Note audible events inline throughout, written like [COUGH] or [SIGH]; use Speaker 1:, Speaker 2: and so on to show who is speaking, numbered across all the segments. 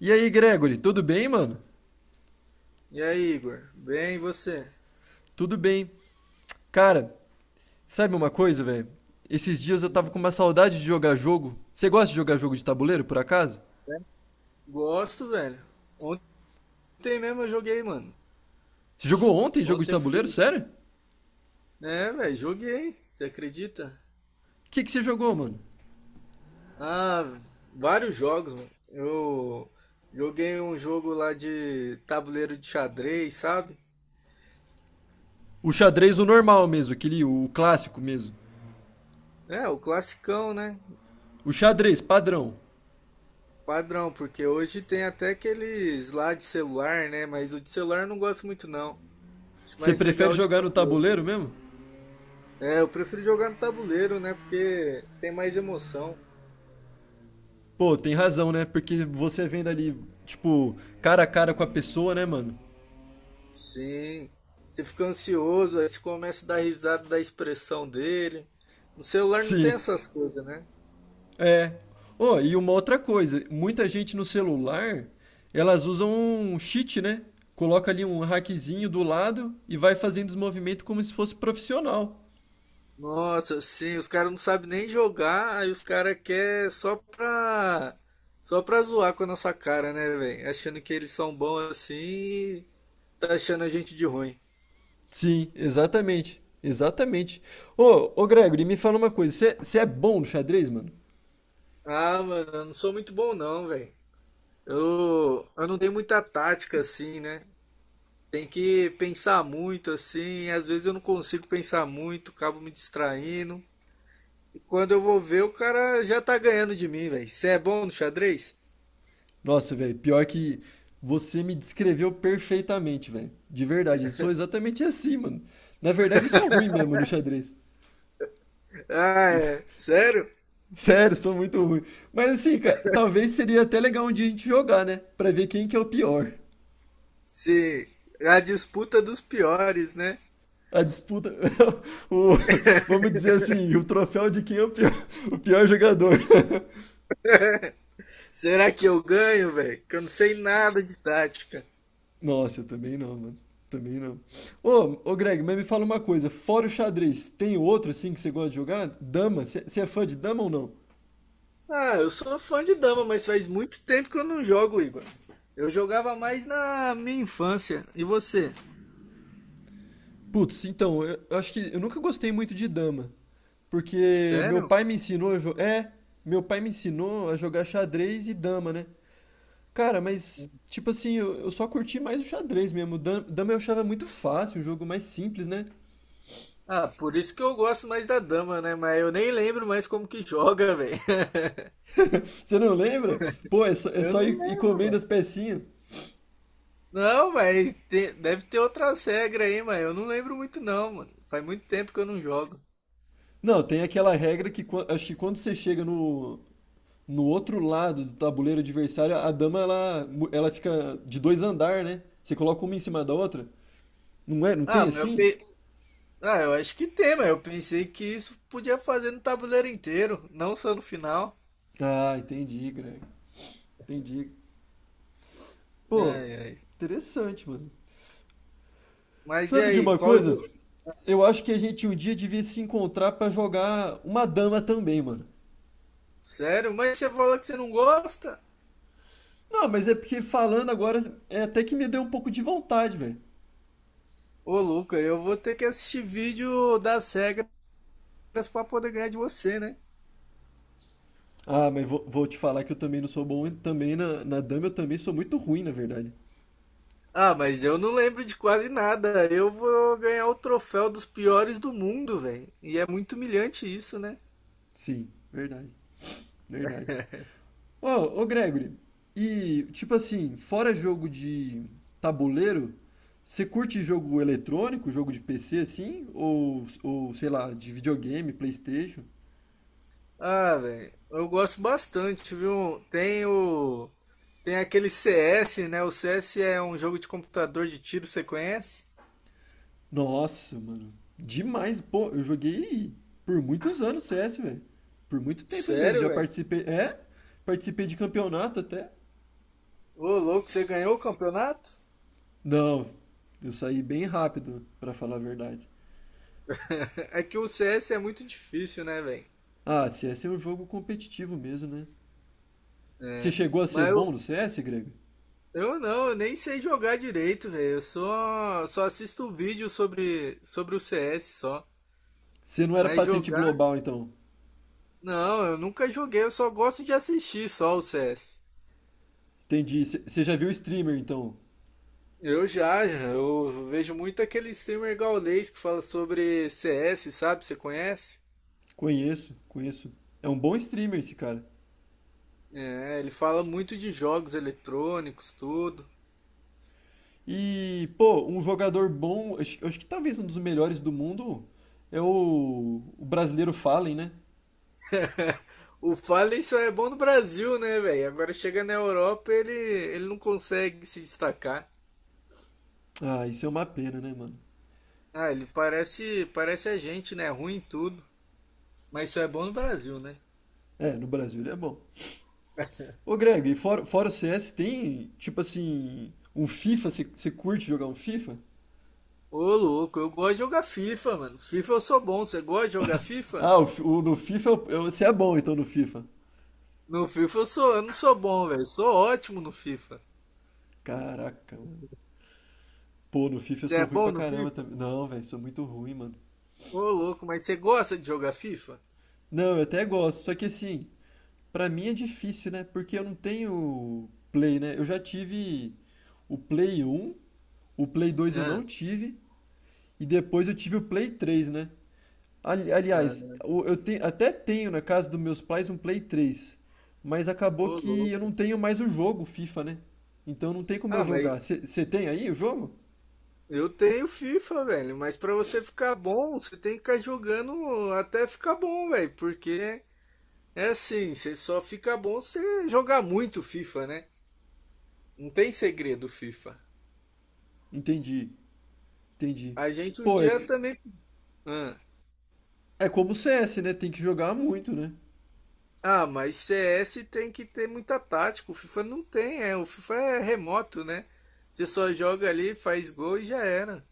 Speaker 1: E aí, Gregory, tudo bem, mano?
Speaker 2: E aí, Igor? Bem, e você?
Speaker 1: Tudo bem. Cara, sabe uma coisa, velho? Esses dias eu tava
Speaker 2: Hum,
Speaker 1: com uma saudade de jogar jogo. Você gosta de jogar jogo de tabuleiro, por acaso?
Speaker 2: né? Gosto, velho. Ontem mesmo eu joguei, mano.
Speaker 1: Você jogou ontem jogo de
Speaker 2: Ontem eu
Speaker 1: tabuleiro?
Speaker 2: fui.
Speaker 1: Sério?
Speaker 2: É, velho, joguei. Você acredita?
Speaker 1: O que que você jogou, mano?
Speaker 2: Ah, vários jogos, mano. Eu joguei um jogo lá de tabuleiro de xadrez, sabe?
Speaker 1: O xadrez, o normal mesmo, aquele, o clássico mesmo.
Speaker 2: É, o classicão, né?
Speaker 1: O xadrez, padrão.
Speaker 2: Padrão, porque hoje tem até aqueles lá de celular, né? Mas o de celular eu não gosto muito, não. Acho
Speaker 1: Você
Speaker 2: mais
Speaker 1: prefere
Speaker 2: legal o de
Speaker 1: jogar no
Speaker 2: tabuleiro.
Speaker 1: tabuleiro mesmo?
Speaker 2: É, eu prefiro jogar no tabuleiro, né? Porque tem mais emoção.
Speaker 1: Pô, tem razão, né? Porque você vendo ali, tipo, cara a cara com a pessoa, né, mano?
Speaker 2: Sim, você fica ansioso, aí você começa a dar risada da expressão dele. No celular não tem
Speaker 1: Sim.
Speaker 2: essas coisas, né?
Speaker 1: É. Oh, e uma outra coisa, muita gente no celular, elas usam um cheat, né? Coloca ali um hackzinho do lado e vai fazendo os movimentos como se fosse profissional.
Speaker 2: Nossa, sim, os caras não sabem nem jogar, aí os caras querem só pra zoar com a nossa cara, né, velho? Achando que eles são bons assim e tá achando a gente de ruim.
Speaker 1: Sim, exatamente. Exatamente. Ô Gregory, me fala uma coisa, você é bom no xadrez, mano?
Speaker 2: Ah, mano, eu não sou muito bom não, velho. Eu não tenho muita tática assim, né? Tem que pensar muito assim, às vezes eu não consigo pensar muito, acabo me distraindo. E quando eu vou ver, o cara já tá ganhando de mim, velho. Você é bom no xadrez?
Speaker 1: Nossa, velho, pior que você me descreveu perfeitamente, velho. De verdade, eu sou exatamente assim, mano. Na verdade, eu sou ruim mesmo no xadrez.
Speaker 2: Ah, é. Sério?
Speaker 1: [LAUGHS] Sério, sou muito ruim. Mas assim, cara, talvez seria até legal um dia a gente jogar, né? Pra ver quem que é o pior.
Speaker 2: Sim. A disputa dos piores, né?
Speaker 1: A disputa, [LAUGHS] o, vamos dizer assim, o troféu de quem é o pior, [LAUGHS] o pior jogador.
Speaker 2: Será que eu ganho, velho? Que eu não sei nada de tática.
Speaker 1: [LAUGHS] Nossa, eu também não, mano. Também não. Ô Greg, mas me fala uma coisa. Fora o xadrez, tem outro assim que você gosta de jogar? Dama? Você é fã de dama ou não?
Speaker 2: Ah, eu sou fã de dama, mas faz muito tempo que eu não jogo, Igor. Eu jogava mais na minha infância. E você?
Speaker 1: Putz, então, eu acho que eu nunca gostei muito de dama. Porque meu
Speaker 2: Sério?
Speaker 1: pai me ensinou a jogar. É, meu pai me ensinou a jogar xadrez e dama, né? Cara, mas, tipo assim, eu só curti mais o xadrez mesmo. Dama eu achava muito fácil, um jogo mais simples, né?
Speaker 2: Ah, por isso que eu gosto mais da dama, né? Mas eu nem lembro mais como que joga, velho. [LAUGHS]
Speaker 1: Você não lembra? Pô, é só, é
Speaker 2: Eu
Speaker 1: só
Speaker 2: não
Speaker 1: ir,
Speaker 2: lembro,
Speaker 1: comendo as
Speaker 2: mano.
Speaker 1: pecinhas.
Speaker 2: Não, mas deve ter outras regras aí, mas eu não lembro muito não, mano. Faz muito tempo que eu não jogo.
Speaker 1: Não, tem aquela regra que acho que quando você chega no outro lado do tabuleiro adversário, a dama ela, ela fica de dois andar, né? Você coloca uma em cima da outra. Não é? Não tem
Speaker 2: Ah, mas eu
Speaker 1: assim?
Speaker 2: pe... Ah, eu acho que tem, mas eu pensei que isso podia fazer no tabuleiro inteiro, não só no final.
Speaker 1: Ah, entendi, Greg. Entendi. Pô,
Speaker 2: Ai, ai.
Speaker 1: interessante, mano.
Speaker 2: Mas e
Speaker 1: Sabe de
Speaker 2: aí,
Speaker 1: uma
Speaker 2: qual
Speaker 1: coisa?
Speaker 2: jogo?
Speaker 1: Eu acho que a gente um dia devia se encontrar pra jogar uma dama também, mano.
Speaker 2: Sério? Mas você fala que você não gosta?
Speaker 1: Não, mas é porque falando agora é até que me deu um pouco de vontade, velho.
Speaker 2: Ô, Luca, eu vou ter que assistir vídeo das regras pra poder ganhar de você, né?
Speaker 1: Ah, mas vou te falar que eu também não sou bom também na dama, eu também sou muito ruim, na verdade.
Speaker 2: Ah, mas eu não lembro de quase nada. Eu vou ganhar o troféu dos piores do mundo, velho. E é muito humilhante isso, né?
Speaker 1: Sim, verdade, verdade. Ô, ô Gregory, e tipo assim, fora jogo de tabuleiro, você curte jogo eletrônico, jogo de PC assim? Ou sei lá, de videogame, PlayStation?
Speaker 2: Ah, velho, eu gosto bastante, viu? Tem o. Tem aquele CS, né? O CS é um jogo de computador de tiro, você conhece?
Speaker 1: Nossa, mano. Demais. Pô, eu joguei por muitos anos CS, velho. Por muito tempo mesmo.
Speaker 2: Sério,
Speaker 1: Já
Speaker 2: velho?
Speaker 1: participei. É? Participei de campeonato até.
Speaker 2: Ô, louco, você ganhou o campeonato?
Speaker 1: Não, eu saí bem rápido, pra falar a verdade.
Speaker 2: [LAUGHS] É que o CS é muito difícil, né, velho?
Speaker 1: Ah, CS é um jogo competitivo mesmo, né? Você
Speaker 2: É.
Speaker 1: chegou a ser
Speaker 2: Mas
Speaker 1: bom
Speaker 2: eu,
Speaker 1: no CS, Grego?
Speaker 2: eu nem sei jogar direito, velho. Eu só assisto um vídeo sobre o CS só.
Speaker 1: Você não era
Speaker 2: Mas
Speaker 1: patente
Speaker 2: jogar?
Speaker 1: global, então.
Speaker 2: Não, eu nunca joguei, eu só gosto de assistir só o CS.
Speaker 1: Entendi. Você já viu o streamer, então?
Speaker 2: Eu vejo muito aquele streamer gaulês que fala sobre CS, sabe? Você conhece?
Speaker 1: Conheço, conheço. É um bom streamer esse cara.
Speaker 2: É, ele fala muito de jogos eletrônicos, tudo.
Speaker 1: E, pô, um jogador bom, acho que talvez um dos melhores do mundo é o brasileiro Fallen, né?
Speaker 2: [LAUGHS] O Fallen só é bom no Brasil, né, velho? Agora chega na Europa, ele não consegue se destacar.
Speaker 1: Ah, isso é uma pena, né, mano?
Speaker 2: Ah, ele parece a gente, né? Ruim em tudo. Mas só é bom no Brasil, né?
Speaker 1: É, no Brasil ele é bom. Ô, Greg, e fora o CS tem, tipo assim, um FIFA? Você curte jogar um FIFA?
Speaker 2: Ô, louco, eu gosto de jogar FIFA, mano. FIFA eu sou bom. Você gosta de jogar FIFA?
Speaker 1: Ah, no FIFA você é bom então no FIFA.
Speaker 2: No FIFA eu sou, eu não sou bom, velho. Sou ótimo no FIFA.
Speaker 1: Caraca, mano. Pô, no FIFA eu
Speaker 2: Você
Speaker 1: sou
Speaker 2: é
Speaker 1: ruim
Speaker 2: bom
Speaker 1: pra
Speaker 2: no
Speaker 1: caramba
Speaker 2: FIFA?
Speaker 1: também. Não, velho, sou muito ruim, mano.
Speaker 2: Ô, louco, mas você gosta de jogar FIFA?
Speaker 1: Não, eu até gosto, só que assim. Pra mim é difícil, né? Porque eu não tenho Play, né? Eu já tive o Play um, o Play dois eu não
Speaker 2: Ah,
Speaker 1: tive, e depois eu tive o Play 3, né? Aliás,
Speaker 2: ah,
Speaker 1: eu até tenho na casa dos meus pais um Play 3, mas acabou
Speaker 2: ô,
Speaker 1: que eu não
Speaker 2: louco.
Speaker 1: tenho mais o jogo FIFA, né? Então não tem como eu
Speaker 2: Ah, mas
Speaker 1: jogar. Você tem aí o jogo?
Speaker 2: eu tenho FIFA, velho. Mas pra você ficar bom, você tem que ficar jogando até ficar bom, velho. Porque é assim, você só fica bom se jogar muito FIFA, né? Não tem segredo FIFA.
Speaker 1: Entendi, entendi.
Speaker 2: A gente um
Speaker 1: Pô, é,
Speaker 2: dia também. Ah.
Speaker 1: é como o CS, né? Tem que jogar muito, né?
Speaker 2: Ah, mas CS tem que ter muita tática. O FIFA não tem, é. O FIFA é remoto, né? Você só joga ali, faz gol e já era.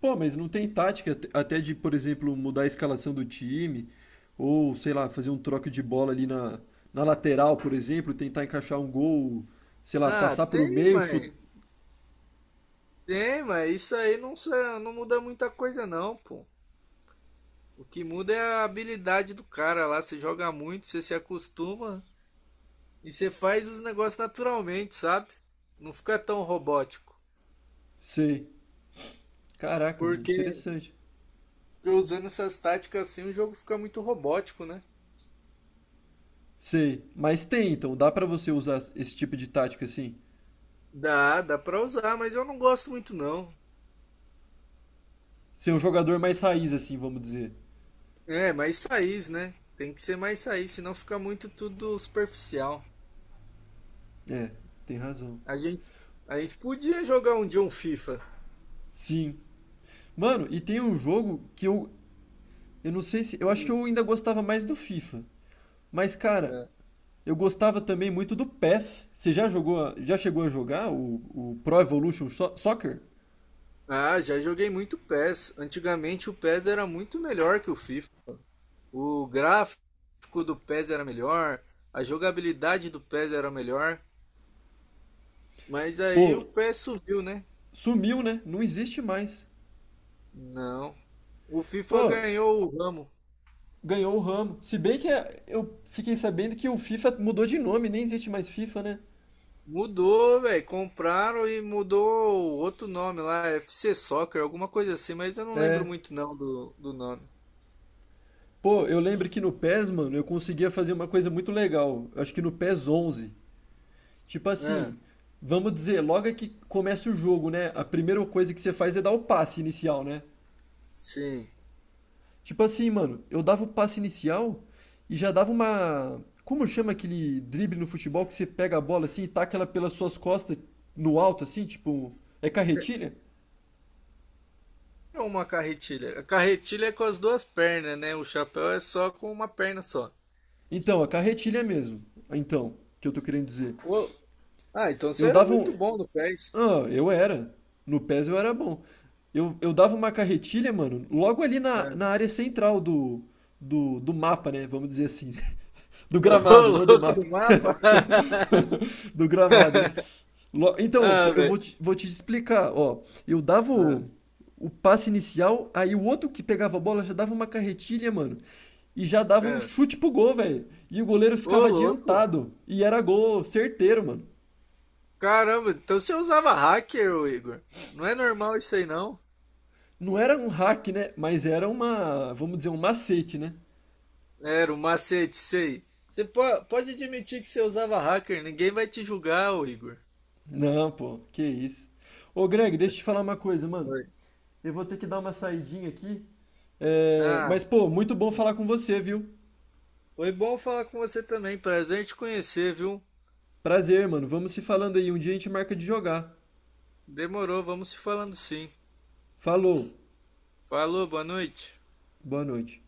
Speaker 1: Pô, mas não tem tática até de, por exemplo, mudar a escalação do time, ou sei lá, fazer um troco de bola ali na lateral, por exemplo, tentar encaixar um gol, sei lá,
Speaker 2: Ah,
Speaker 1: passar pro
Speaker 2: tem,
Speaker 1: meio, chutar.
Speaker 2: mas tem, mas isso aí não, não muda muita coisa não, pô. O que muda é a habilidade do cara lá. Você joga muito, você se acostuma e você faz os negócios naturalmente, sabe? Não fica tão robótico.
Speaker 1: Sei. Caraca, mano,
Speaker 2: Porque,
Speaker 1: interessante.
Speaker 2: porque usando essas táticas assim, o jogo fica muito robótico, né?
Speaker 1: Sei. Mas tem, então, dá pra você usar esse tipo de tática assim?
Speaker 2: Dá pra usar, mas eu não gosto muito não.
Speaker 1: Ser um jogador mais raiz, assim, vamos dizer.
Speaker 2: É, mais raiz, né? Tem que ser mais raiz, senão fica muito tudo superficial.
Speaker 1: É, tem razão.
Speaker 2: A gente, a gente podia jogar um dia um FIFA.
Speaker 1: Sim. Mano, e tem um jogo que eu. Eu não sei se. Eu acho que eu ainda gostava mais do FIFA. Mas, cara,
Speaker 2: É.
Speaker 1: eu gostava também muito do PES. Você já jogou, já chegou a jogar o Pro Evolution Soccer?
Speaker 2: Ah, já joguei muito PES. Antigamente o PES era muito melhor que o FIFA. O gráfico do PES era melhor, a jogabilidade do PES era melhor. Mas aí o
Speaker 1: Pô,
Speaker 2: PES subiu, né?
Speaker 1: sumiu, né? Não existe mais.
Speaker 2: Não. O FIFA
Speaker 1: Pô,
Speaker 2: ganhou o ramo.
Speaker 1: ganhou o ramo. Se bem que eu fiquei sabendo que o FIFA mudou de nome, nem existe mais FIFA, né?
Speaker 2: Mudou, velho. Compraram e mudou outro nome lá, FC Soccer, alguma coisa assim, mas eu não lembro
Speaker 1: É.
Speaker 2: muito não do nome.
Speaker 1: Pô, eu lembro que no PES, mano, eu conseguia fazer uma coisa muito legal. Eu acho que no PES 11. Tipo
Speaker 2: É,
Speaker 1: assim, vamos dizer, logo é que começa o jogo, né? A primeira coisa que você faz é dar o passe inicial, né?
Speaker 2: sim.
Speaker 1: Tipo assim, mano, eu dava o passe inicial e já dava uma. Como chama aquele drible no futebol que você pega a bola assim e taca ela pelas suas costas no alto, assim? Tipo. É carretilha?
Speaker 2: É uma carretilha. A carretilha é com as duas pernas, né? O chapéu é só com uma perna só.
Speaker 1: Então, a carretilha mesmo. Então, que eu tô querendo dizer.
Speaker 2: Ô, ah, então você
Speaker 1: Eu
Speaker 2: era
Speaker 1: dava
Speaker 2: muito
Speaker 1: um.
Speaker 2: bom no pés.
Speaker 1: Ah, eu era. No PES eu era bom. Eu dava uma carretilha, mano, logo ali
Speaker 2: É.
Speaker 1: na área central do mapa, né? Vamos dizer assim. [LAUGHS] Do
Speaker 2: [LAUGHS] Ô,
Speaker 1: gramado, não do
Speaker 2: louco
Speaker 1: mapa.
Speaker 2: do mapa!
Speaker 1: [LAUGHS] Do gramado, né?
Speaker 2: [LAUGHS]
Speaker 1: Então, pô,
Speaker 2: Ah,
Speaker 1: eu vou
Speaker 2: velho.
Speaker 1: te, explicar, ó. Eu dava
Speaker 2: Ah,
Speaker 1: o passe inicial, aí o outro que pegava a bola já dava uma carretilha, mano. E já dava um
Speaker 2: é.
Speaker 1: chute pro gol, velho. E o goleiro
Speaker 2: Ô,
Speaker 1: ficava
Speaker 2: louco!
Speaker 1: adiantado. E era gol certeiro, mano.
Speaker 2: Caramba, então você usava hacker, ô Igor. Não é normal isso aí, não?
Speaker 1: Não era um hack, né? Mas era uma, vamos dizer, um macete, né?
Speaker 2: Era o macete, sei. Pode admitir que você usava hacker, ninguém vai te julgar, ô Igor.
Speaker 1: Não, pô, que isso. Ô, Greg, deixa eu te falar uma coisa, mano.
Speaker 2: Foi.
Speaker 1: Eu vou ter que dar uma saidinha aqui. É, mas,
Speaker 2: Ah,
Speaker 1: pô, muito bom falar com você, viu?
Speaker 2: foi bom falar com você também. Prazer em te conhecer, viu?
Speaker 1: Prazer, mano. Vamos se falando aí. Um dia a gente marca de jogar.
Speaker 2: Demorou, vamos se falando sim.
Speaker 1: Falou.
Speaker 2: Falou, boa noite.
Speaker 1: Boa noite.